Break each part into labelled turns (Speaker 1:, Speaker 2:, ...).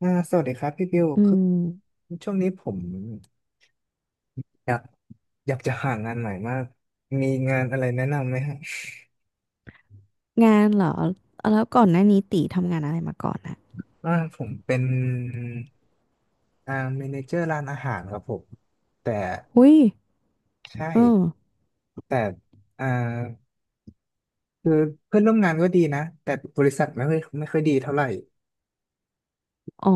Speaker 1: สวัสดีครับพี่บิว
Speaker 2: อื
Speaker 1: คือ
Speaker 2: ม
Speaker 1: ช่วงนี้ผมอยากอยากจะหางานใหม่มากมีงานอะไรแนะนำไหมฮะ
Speaker 2: งานเหรอ แล้วก่อนหน้านี้ตีทำงานอะไรมาก่อนอะ
Speaker 1: ว่าผมเป็นเมเนเจอร์ร้านอาหารครับผมแต่
Speaker 2: หุ้ย
Speaker 1: ใช่
Speaker 2: เออ
Speaker 1: แต่อ่าคือเพื่อนร่วมงานก็ดีนะแต่บริษัทไม่ค่อยดีเท่าไหร่
Speaker 2: อ๋อ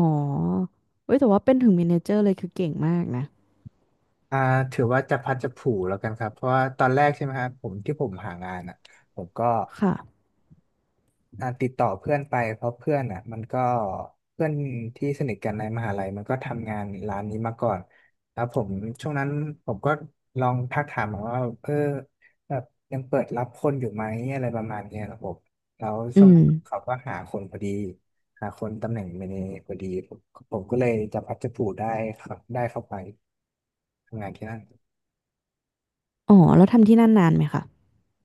Speaker 2: เว้ยแต่ว่าเป็นถึงเมเนเจอร์เลยคือเก่งมากนะ
Speaker 1: อ่าถือว่าจะพัดจะผูแล้วกันครับเพราะว่าตอนแรกใช่ไหมครับผมที่ผมหางานอ่ะผมก็
Speaker 2: ค่ะ
Speaker 1: ติดต่อเพื่อนไปเพราะเพื่อนอ่ะมันก็เพื่อนที่สนิทกันในมหาลัยมันก็ทำงานร้านนี้มาก่อนแล้วผมช่วงนั้นผมก็ลองทักถามว่าเออแบบยังเปิดรับคนอยู่ไหมอะไรประมาณเนี้ยครับผมแล้ว
Speaker 2: อื
Speaker 1: ช่วง
Speaker 2: ม
Speaker 1: นั้นเขาก็หาคนพอดีหาคนตำแหน่งเมเนเจอร์พอดีผมก็เลยจะพัดจะผูได้ครับได้เข้าไปทำงานที่นั่น
Speaker 2: อ๋อแล้วทำที่นั่นนานไหมคะ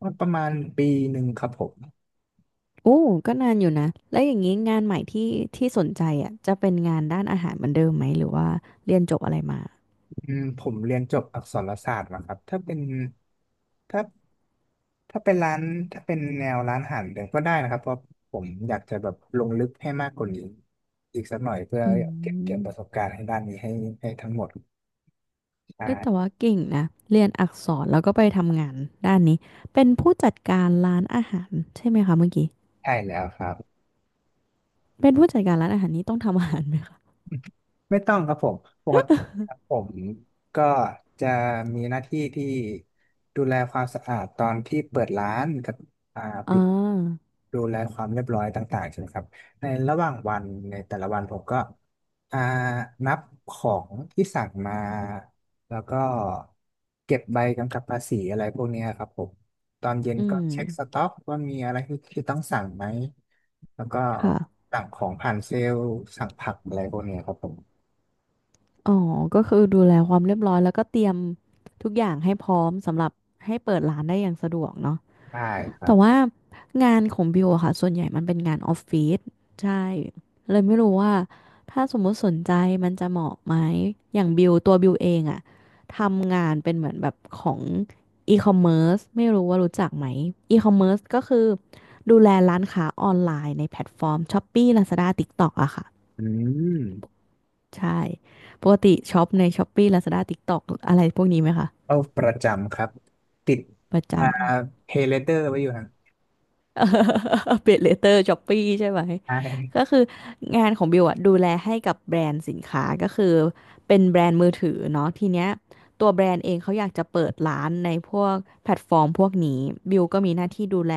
Speaker 1: ก็ประมาณปีหนึ่งครับผม
Speaker 2: โอ้ก็นานอยู่นะแล้วอย่างนี้งานใหม่ที่ที่สนใจอ่ะจะเป็นงานด้านอาหารเหมือนเดิมไหมหรือว่าเรียนจบอะไรมา
Speaker 1: อืมผมเรียนจบอักษรศาสตร์มาครับถ้าเป็นถ้าถ้าเป็นร้านถ้าเป็นแนวร้านอาหารเดี๋ยวก็ได้นะครับเพราะผมอยากจะแบบลงลึกให้มากกว่านี้อีกสักหน่อยเพื่อ
Speaker 2: อื
Speaker 1: เก็บเกี่ยวประสบ
Speaker 2: ม
Speaker 1: การณ์ให้ด้านนี้ให้ให้ทั้งหมด
Speaker 2: เอ้ยแต่
Speaker 1: ใช่
Speaker 2: ว่าเก่งนะเรียนอักษรแล้วก็ไปทำงานด้านนี้เป็นผู้จัดการร้านอาหารใช่ไหมคะเมื่อกี้
Speaker 1: ใช่แล้วครับ
Speaker 2: เป็นผู้จัดการร้านอาหารนี้ต้องทำอาหารไหม
Speaker 1: ไม่ต้องครับผมปกติครับผมก็จะมีหน้าที่ที่ดูแลความสะอาดตอนที่เปิดร้านกับอ่า
Speaker 2: อ่
Speaker 1: ปิด
Speaker 2: า
Speaker 1: ดูแลความเรียบร้อยต่างๆใช่ไหมครับ ในระหว่างวันในแต่ละวันผมก็อ่านับของที่สั่งมา แล้วก็เก็บใบกำกับภาษีอะไรพวกเนี้ยครับผมตอนเย็น
Speaker 2: อื
Speaker 1: ก็
Speaker 2: ม
Speaker 1: เช็คสต็อกว่ามีอะไรที่ต้องสั่งไหมแล้วก็
Speaker 2: ค่ะ
Speaker 1: สั่งของผ่านเซลล์สั่งผักอะไรพวกเนี้ยครับผม
Speaker 2: อ๋อ ก็คือดูแลความเรียบร้อยแล้วก็เตรียมทุกอย่างให้พร้อมสำหรับให้เปิดร้านได้อย่างสะดวกเนาะ
Speaker 1: ได้ครั
Speaker 2: แต่
Speaker 1: บ
Speaker 2: ว่างานของบิวอะค่ะ ส่วนใหญ่มันเป็นงานออฟฟิศใช่ เลยไม่รู้ว่าถ้าสมมุติสนใจมันจะเหมาะไหม อย่างบิวตัวบิวเองอะ ทำงานเป็นเหมือนแบบของอีคอมเมิร์ซไม่รู้ว่ารู้จักไหมอีคอมเมิร์ซก็คือดูแลร้านค้าออนไลน์ในแพลตฟอร์ม Shopee Lazada TikTok อะค่ะ
Speaker 1: อืม
Speaker 2: ใช่ ปกติช็อปใน Shopee Lazada TikTok อะไรพวกนี้ไหมคะ
Speaker 1: เป้าประจำครับติด
Speaker 2: ประ
Speaker 1: อ่า
Speaker 2: จำ
Speaker 1: เพยเลเตอร์ไว้อยู่นะ
Speaker 2: เป l เลเตอร์ Shopee ใช่ไหม
Speaker 1: ใช่
Speaker 2: ก็คืองานของบิวอะดูแลให้กับแบรนด์สินค้าก็คือเป็นแบรนด์มือถือเนาะทีเนี้ยตัวแบรนด์เองเขาอยากจะเปิดร้านในพวกแพลตฟอร์มพวกนี้บิวก็มีหน้าที่ดูแล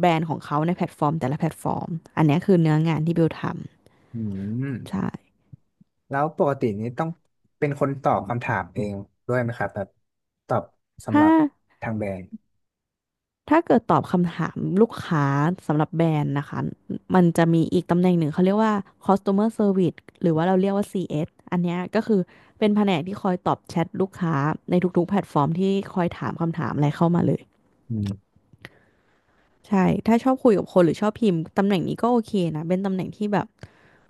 Speaker 2: แบรนด์ของเขาในแพลตฟอร์มแต่ละแพลตฟอร์มอันเนี้ยคือเนื้องานที่บิวท
Speaker 1: อืม
Speaker 2: ำใช่
Speaker 1: แล้วปกตินี้ต้องเป็นคนตอบคำถามเองด้วยไหมครับแบบตอบสำห
Speaker 2: ถ้า
Speaker 1: รับทางแบรนด์
Speaker 2: ถ้าเกิดตอบคำถามลูกค้าสำหรับแบรนด์นะคะมันจะมีอีกตำแหน่งหนึ่งเขาเรียกว่า customer service หรือว่าเราเรียกว่า CS อสอันเนี้ยก็คือเป็นแผนกที่คอยตอบแชทลูกค้าในทุกๆแพลตฟอร์มที่คอยถามคำถามอะไรเข้ามาเลย
Speaker 1: อืม
Speaker 2: ใช่ ถ้าชอบคุยกับคนหรือชอบพิมพ์ตำแหน่งนี้ก็โอเคนะ เป็นตำแหน่งที่แบบ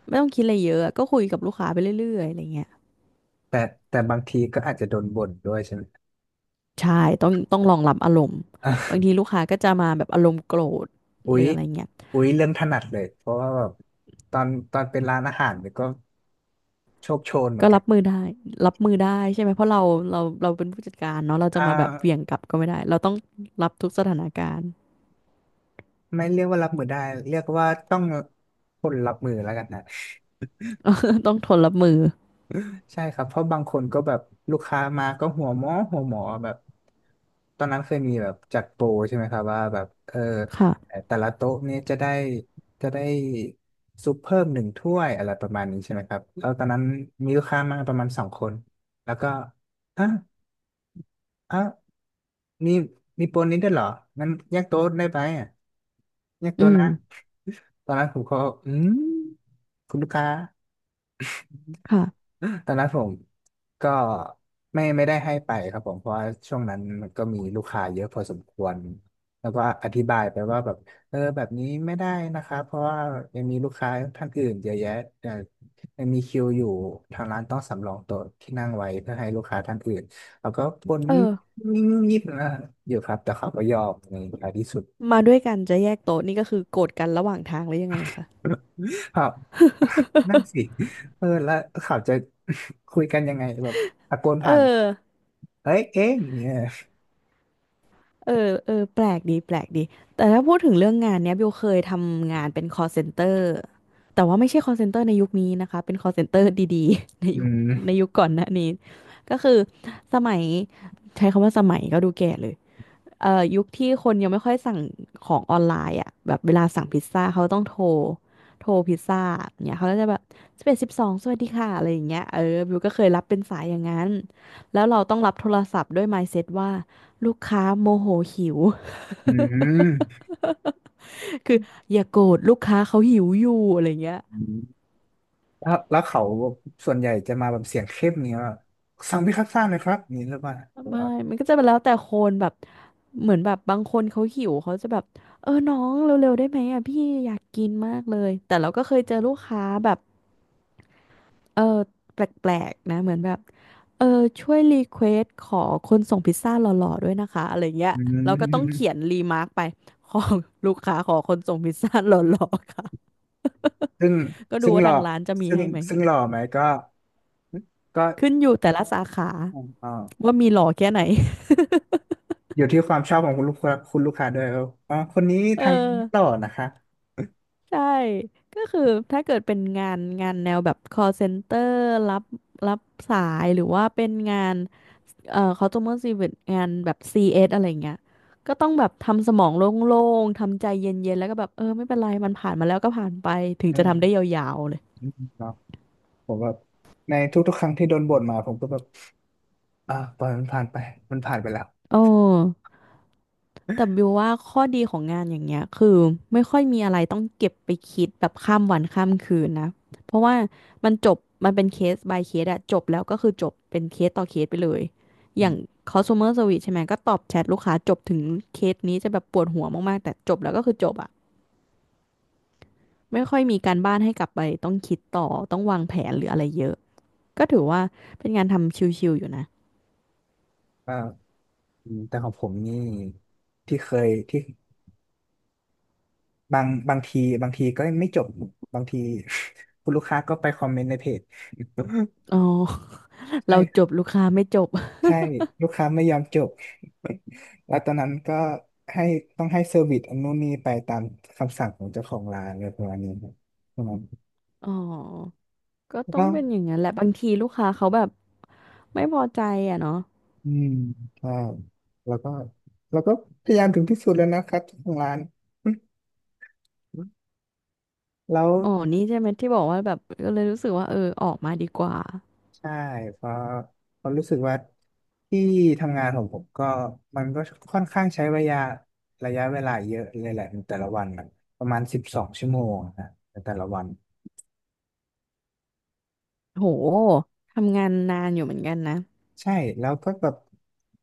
Speaker 2: ไม่ต้องคิดอะไรเยอะอะก็คุยกับลูกค้าไปเรื่อยๆอะไรเงี้ย
Speaker 1: แต่แต่บางทีก็อาจจะโดนบ่นด้วยใช่ไหม
Speaker 2: ใช่ต้องรองรับอารมณ์
Speaker 1: อะ
Speaker 2: บางที ลูกค้าก็จะมาแบบอารมณ์โกรธ
Speaker 1: อุ๊
Speaker 2: หรื
Speaker 1: ย
Speaker 2: ออะไรเงี้ย
Speaker 1: อุ๊ยเรื่องถนัดเลยเพราะว่าแบบตอนตอนเป็นร้านอาหารเนี่ยก็โชคโชนเหมือ
Speaker 2: ก็
Speaker 1: นกั
Speaker 2: รั
Speaker 1: น
Speaker 2: บมือได้รับมือได้ใช่ไหมเพราะเราเป็นผู้จัดการเนาะเราจะ
Speaker 1: อ่า
Speaker 2: มาแบบเหวี่ยงกลับก็ไม่ได้เราต้องรับทุกสถานการณ์
Speaker 1: ไม่เรียกว่ารับมือได้เรียกว่าต้องคนรับมือแล้วกันนะ
Speaker 2: ต้องทนรับมือ
Speaker 1: ใช่ครับเพราะบางคนก็แบบลูกค้ามาก็หัวหมอหัวหมอแบบตอนนั้นเคยมีแบบจัดโปรใช่ไหมครับว่าแบบเออ
Speaker 2: ค่ะ
Speaker 1: แต่ละโต๊ะนี้จะได้จะได้ซุปเพิ่ม1 ถ้วยอะไรประมาณนี้ใช่ไหมครับแล้วตอนนั้นมีลูกค้ามาประมาณ2 คนแล้วก็อ่ะอ่ะมีมีโปรนี้ด้วยเหรองั้นแยกโต๊ะได้ไหมอ่ะแยก
Speaker 2: อื
Speaker 1: โต๊ะ
Speaker 2: ม
Speaker 1: นะตอนนั้นผมก็อืมคุณลูกค้า
Speaker 2: ค่ะ
Speaker 1: ตอนนั้นผมก็ไม่ได้ให้ไปครับผมเพราะว่าช่วงนั้นมันก็มีลูกค้าเยอะพอสมควรแล้วก็อธิบายไปว่าแบบเออแบบนี้ไม่ได้นะคะเพราะว่ายังมีลูกค้าท่านอื่นเยอะแยะเอ่อยังมีคิวอยู่ทางร้านต้องสำรองโต๊ะที่นั่งไว้เพื่อให้ลูกค้าท่านอื่นแล้วก็บน
Speaker 2: เอ
Speaker 1: งิบ
Speaker 2: อ
Speaker 1: งิบนะอยู่ครับแต่เขาก็ยอมในท้ายที่สุด
Speaker 2: มาด้วยกันจะแยกโต๊ะนี่ก็คือโกรธกันระหว่างทางหรือยังไงคะ
Speaker 1: ครับ นั่นสิเออแล้วเขาจะ คุยกันยังไงแบบตะโกน
Speaker 2: เอ
Speaker 1: ผ่า
Speaker 2: อ
Speaker 1: น เอ้ยเอ๊ะอย่างเนี่ย
Speaker 2: เออเออแปลกดีแปลกดีแต่ถ้าพูดถึงเรื่องงานเนี้ยบิวเคยทำงานเป็น call center แต่ว่าไม่ใช่ call center ในยุคนี้นะคะเป็น call center ดีๆ
Speaker 1: อื
Speaker 2: ใน
Speaker 1: ม
Speaker 2: ยุคก่อนหน้านี้ก็คือสมัยใช้คำว่าสมัยก็ดูแก่เลย ยุคที่คนยังไม่ค่อยสั่งของออนไลน์อ่ะแบบเวลาสั่งพิซซ่าเขาต้องโทรพิซซ่าเนี่ยเขาก็จะแบบ11 12สวัสดีค่ะอะไรอย่างเงี้ยเออบิวก็เคยรับเป็นสายอย่างนั้นแล้วเราต้องรับโทรศัพท์ด้วย mindset ว่าลูกค้าโมโหหิว
Speaker 1: อืม
Speaker 2: คืออย่าโกรธลูกค้าเขาหิวอยู่อะไรอย่างเงี้ย
Speaker 1: อืมแล้วเขาส่วนใหญ่จะมาแบบเสียงเข้มเนี่ยสั่งพิคัสซ่าหน่อยครับอนี่หรือเปล่าหรือ
Speaker 2: ไม่
Speaker 1: ว่า
Speaker 2: มันก็จะเป็นแล้วแต่คนแบบเหมือนแบบบางคนเขาหิวเขาจะแบบเออน้องเร็วๆได้ไหมอ่ะพี่อยากกินมากเลยแต่เราก็เคยเจอลูกค้าแบบ เออแปลกๆนะเหมือนแบบเออช่วยรีเควสขอคนส่งพิซซ่าหล่อๆด้วยนะคะอะไรเงี้ย
Speaker 1: อื
Speaker 2: เราก็ต้อง
Speaker 1: ม
Speaker 2: เขียนรีมาร์กไปขอลูกค้าขอคนส่งพิซซ่าหล่อๆค่ะ
Speaker 1: ซึ่ง
Speaker 2: ก็ดู
Speaker 1: ซึ่ง
Speaker 2: ว่า
Speaker 1: หล่อ
Speaker 2: ทางร้านจะมี
Speaker 1: ซึ่ง
Speaker 2: ให้ไหม
Speaker 1: ซึ่งหล่อไหมก็ก็
Speaker 2: ขึ้นอยู่แต่ละสาขา
Speaker 1: อ๋อา
Speaker 2: ว่ามีหล่อแค่ไหน
Speaker 1: อยู่ที่ความชอบของคุณลูกค้าคุณลูกค้าด้วยว่าอ๋อคนนี้
Speaker 2: เอ
Speaker 1: ทางหล่อ
Speaker 2: อ
Speaker 1: นะคะ
Speaker 2: ใช่ก็คือถ้าเกิดเป็นงานงานแนวแบบ call center รับรับสายหรือว่าเป็นงาน customer service งานแบบ CS อสอะไรเงี้ยก็ต้องแบบทำสมองโล่งๆทำใจเย็นๆแล้วก็แบบเออไม่เป็นไรมันผ่านมาแล้วก็ผ่านไปถึง
Speaker 1: อื
Speaker 2: จะทำได้ย
Speaker 1: ม
Speaker 2: าวๆเลย
Speaker 1: อืมเนาะผมแบบในทุกๆครั้งที่โดนบ่นมาผมก็แบบปล่อยมันผ่านไปมันผ่านไปแล้ว
Speaker 2: โอ้แต่บิวว่าข้อดีของงานอย่างเงี้ยคือไม่ค่อยมีอะไรต้องเก็บไปคิดแบบข้ามวันข้ามคืนนะเพราะว่ามันจบมันเป็นเคส by เคสอะจบแล้วก็คือจบเป็นเคสต่อเคสไปเลยอ
Speaker 1: อื
Speaker 2: ย่าง
Speaker 1: ม
Speaker 2: customer service ใช่ไหมก็ตอบแชทลูกค้าจบถึงเคสนี้จะแบบปวดหัวมากๆแต่จบแล้วก็คือจบอะ ไม่ค่อยมีการบ้านให้กลับไปต้องคิดต่อต้องวางแผนหรืออะไรเยอะก็ถือว่าเป็นงานทำชิลๆอยู่นะ
Speaker 1: อ่า อืมแต่ของผมนี่ที่เคยที่บางทีบางทีก็ไม่จบบางที คุณลูกค้าก็ไปคอมเมนต์ในเพจ
Speaker 2: อ๋อ เราจ
Speaker 1: ใช่
Speaker 2: บลูกค้าไม่จบ
Speaker 1: ใช่ลูกค้าไม่ยอมจบ แล้วตอนนั้นก็ให้ต้องให้เซอร์วิสอันนู้นนี่ไปตามคำสั่งของเจ้าของร้านอะไรประมาณนี้ครับประมาณ
Speaker 2: อ๋อก็
Speaker 1: แล้ว
Speaker 2: ต้อ
Speaker 1: ก็
Speaker 2: งเป็นอย่างนั้นแหละบางทีลูกค้าเขาแบบไม่พอใจอ่ะเนาะ
Speaker 1: อืมใช่แล้วก็แล้วก็พยายามถึงที่สุดแล้วนะครับเจ้าของร้าน แล้ว
Speaker 2: อ๋อนี่ใช่ไหมที่บอกว่าแบบก็เลยรู้สึกว่าเออออกมาดีกว่า
Speaker 1: ใช่เพราะเพราะรู้สึกว่าที่ทำงานของผมก็มันก็ค่อนข้างใช้ระยะระยะเวลาเยอะเลยแหละในแต่ละวันน่ะประมาณ12 ชั่วโมงนะในแต่ละวัน
Speaker 2: โหทำงานนานอยู่เหมือนกันนะ
Speaker 1: ใช่แล้วก็แบบ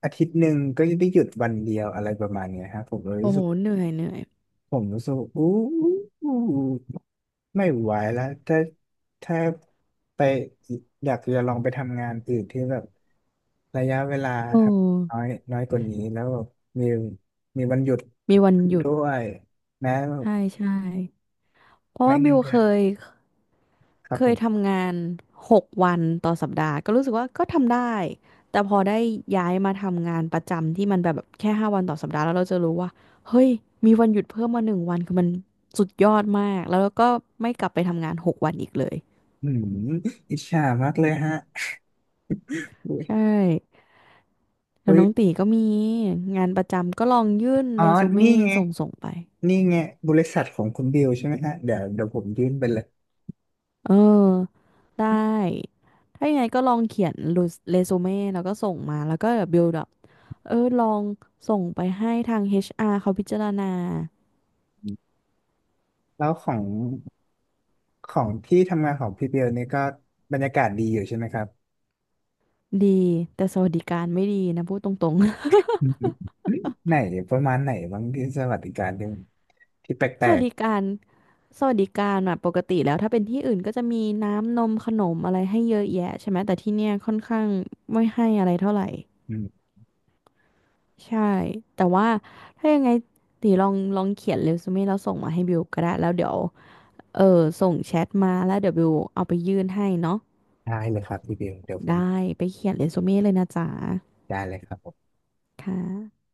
Speaker 1: อาทิตย์หนึ่งก็จะได้หยุดวันเดียวอะไรประมาณเนี้ยฮะผมเลย
Speaker 2: โอ้
Speaker 1: รู้
Speaker 2: โห
Speaker 1: สึก
Speaker 2: เหนื่อยเหนื่อย
Speaker 1: ผมรู้สึกว่าอู้ไม่ไหวแล้วถ้าถ้าไปอยากจะลองไปทำงานอื่นที่แบบระยะเวลา
Speaker 2: โอ้
Speaker 1: ทำน้อยน้อยกว่านี้แล้วแบบมีมีวันหยุด
Speaker 2: มีวันหยุด
Speaker 1: ด้วยแม้
Speaker 2: ใช่ใช่เพราะ
Speaker 1: แม้
Speaker 2: ว่า
Speaker 1: เงิ
Speaker 2: บิ
Speaker 1: น
Speaker 2: ว
Speaker 1: เดื
Speaker 2: เค
Speaker 1: อน
Speaker 2: ยเค
Speaker 1: ครับ
Speaker 2: เค
Speaker 1: ผ
Speaker 2: ย
Speaker 1: ม
Speaker 2: ทำงาน6 วันต่อสัปดาห์ก็รู้สึกว่าก็ทำได้แต่พอได้ย้ายมาทำงานประจำที่มันแบบแค่5 วันต่อสัปดาห์แล้วเราจะรู้ว่าเฮ้ยมีวันหยุดเพิ่มมา1 วันคือมันสุดยอดมากแล้วก็ไม่กลับไปทำงานหกวันอีกเลย
Speaker 1: อืมอิจฉามากเลยฮะอุ้
Speaker 2: ใช่
Speaker 1: ย
Speaker 2: แล้ว
Speaker 1: อุ้ย
Speaker 2: น้องตีก็มีงานประจำก็ลองยื่น
Speaker 1: อ๋อ
Speaker 2: เรซู
Speaker 1: นี่
Speaker 2: เม่
Speaker 1: ไง
Speaker 2: ส่งไป
Speaker 1: นี่ไงบริษัทของคุณบิวใช่ไหมฮะ เดี๋ยวเดี๋ยวผมยื่นไปเลย
Speaker 2: เออได้ถ้ายังไงก็ลองเขียนเรซูเม่แล้วก็ส่งมาแล้วก็ build up เออลองส่งไปให้ทาง HR เขาพิจารณา
Speaker 1: แล้วของ ของที่ทำงานของพี่เบลนี่ก็บรรยากาศดีอยู่ใช่ไหมครับ
Speaker 2: ดีแต่สวัสดิการไม่ดีนะพูดตรง
Speaker 1: ไหนประมาณไหนบ้างที่สวัสดิการที่ที่แป
Speaker 2: ๆ ส
Speaker 1: ล
Speaker 2: วัส
Speaker 1: ก
Speaker 2: ดิการสวัสดิการอะปกติแล้วถ้าเป็นที่อื่นก็จะมีน้ำนมขนมอะไรให้เยอะแยะใช่ไหมแต่ที่เนี่ยค่อนข้างไม่ให้อะไรเท่าไหร่
Speaker 1: ๆอืม
Speaker 2: ใช่แต่ว่าถ้ายังไงตีลองเขียนเรซูเม่แล้วส่งมาให้บิวก็ได้แล้วเดี๋ยวเออส่งแชทมาแล้วเดี๋ยวบิวเอาไปยื่นให้เนาะ
Speaker 1: ได้เลยครับพี่เบลเดี๋ยวผม
Speaker 2: ได้ไปเขียนเรซูเม่เลยนะจ๊ะ
Speaker 1: ได้เลยครับผม
Speaker 2: ค่ะ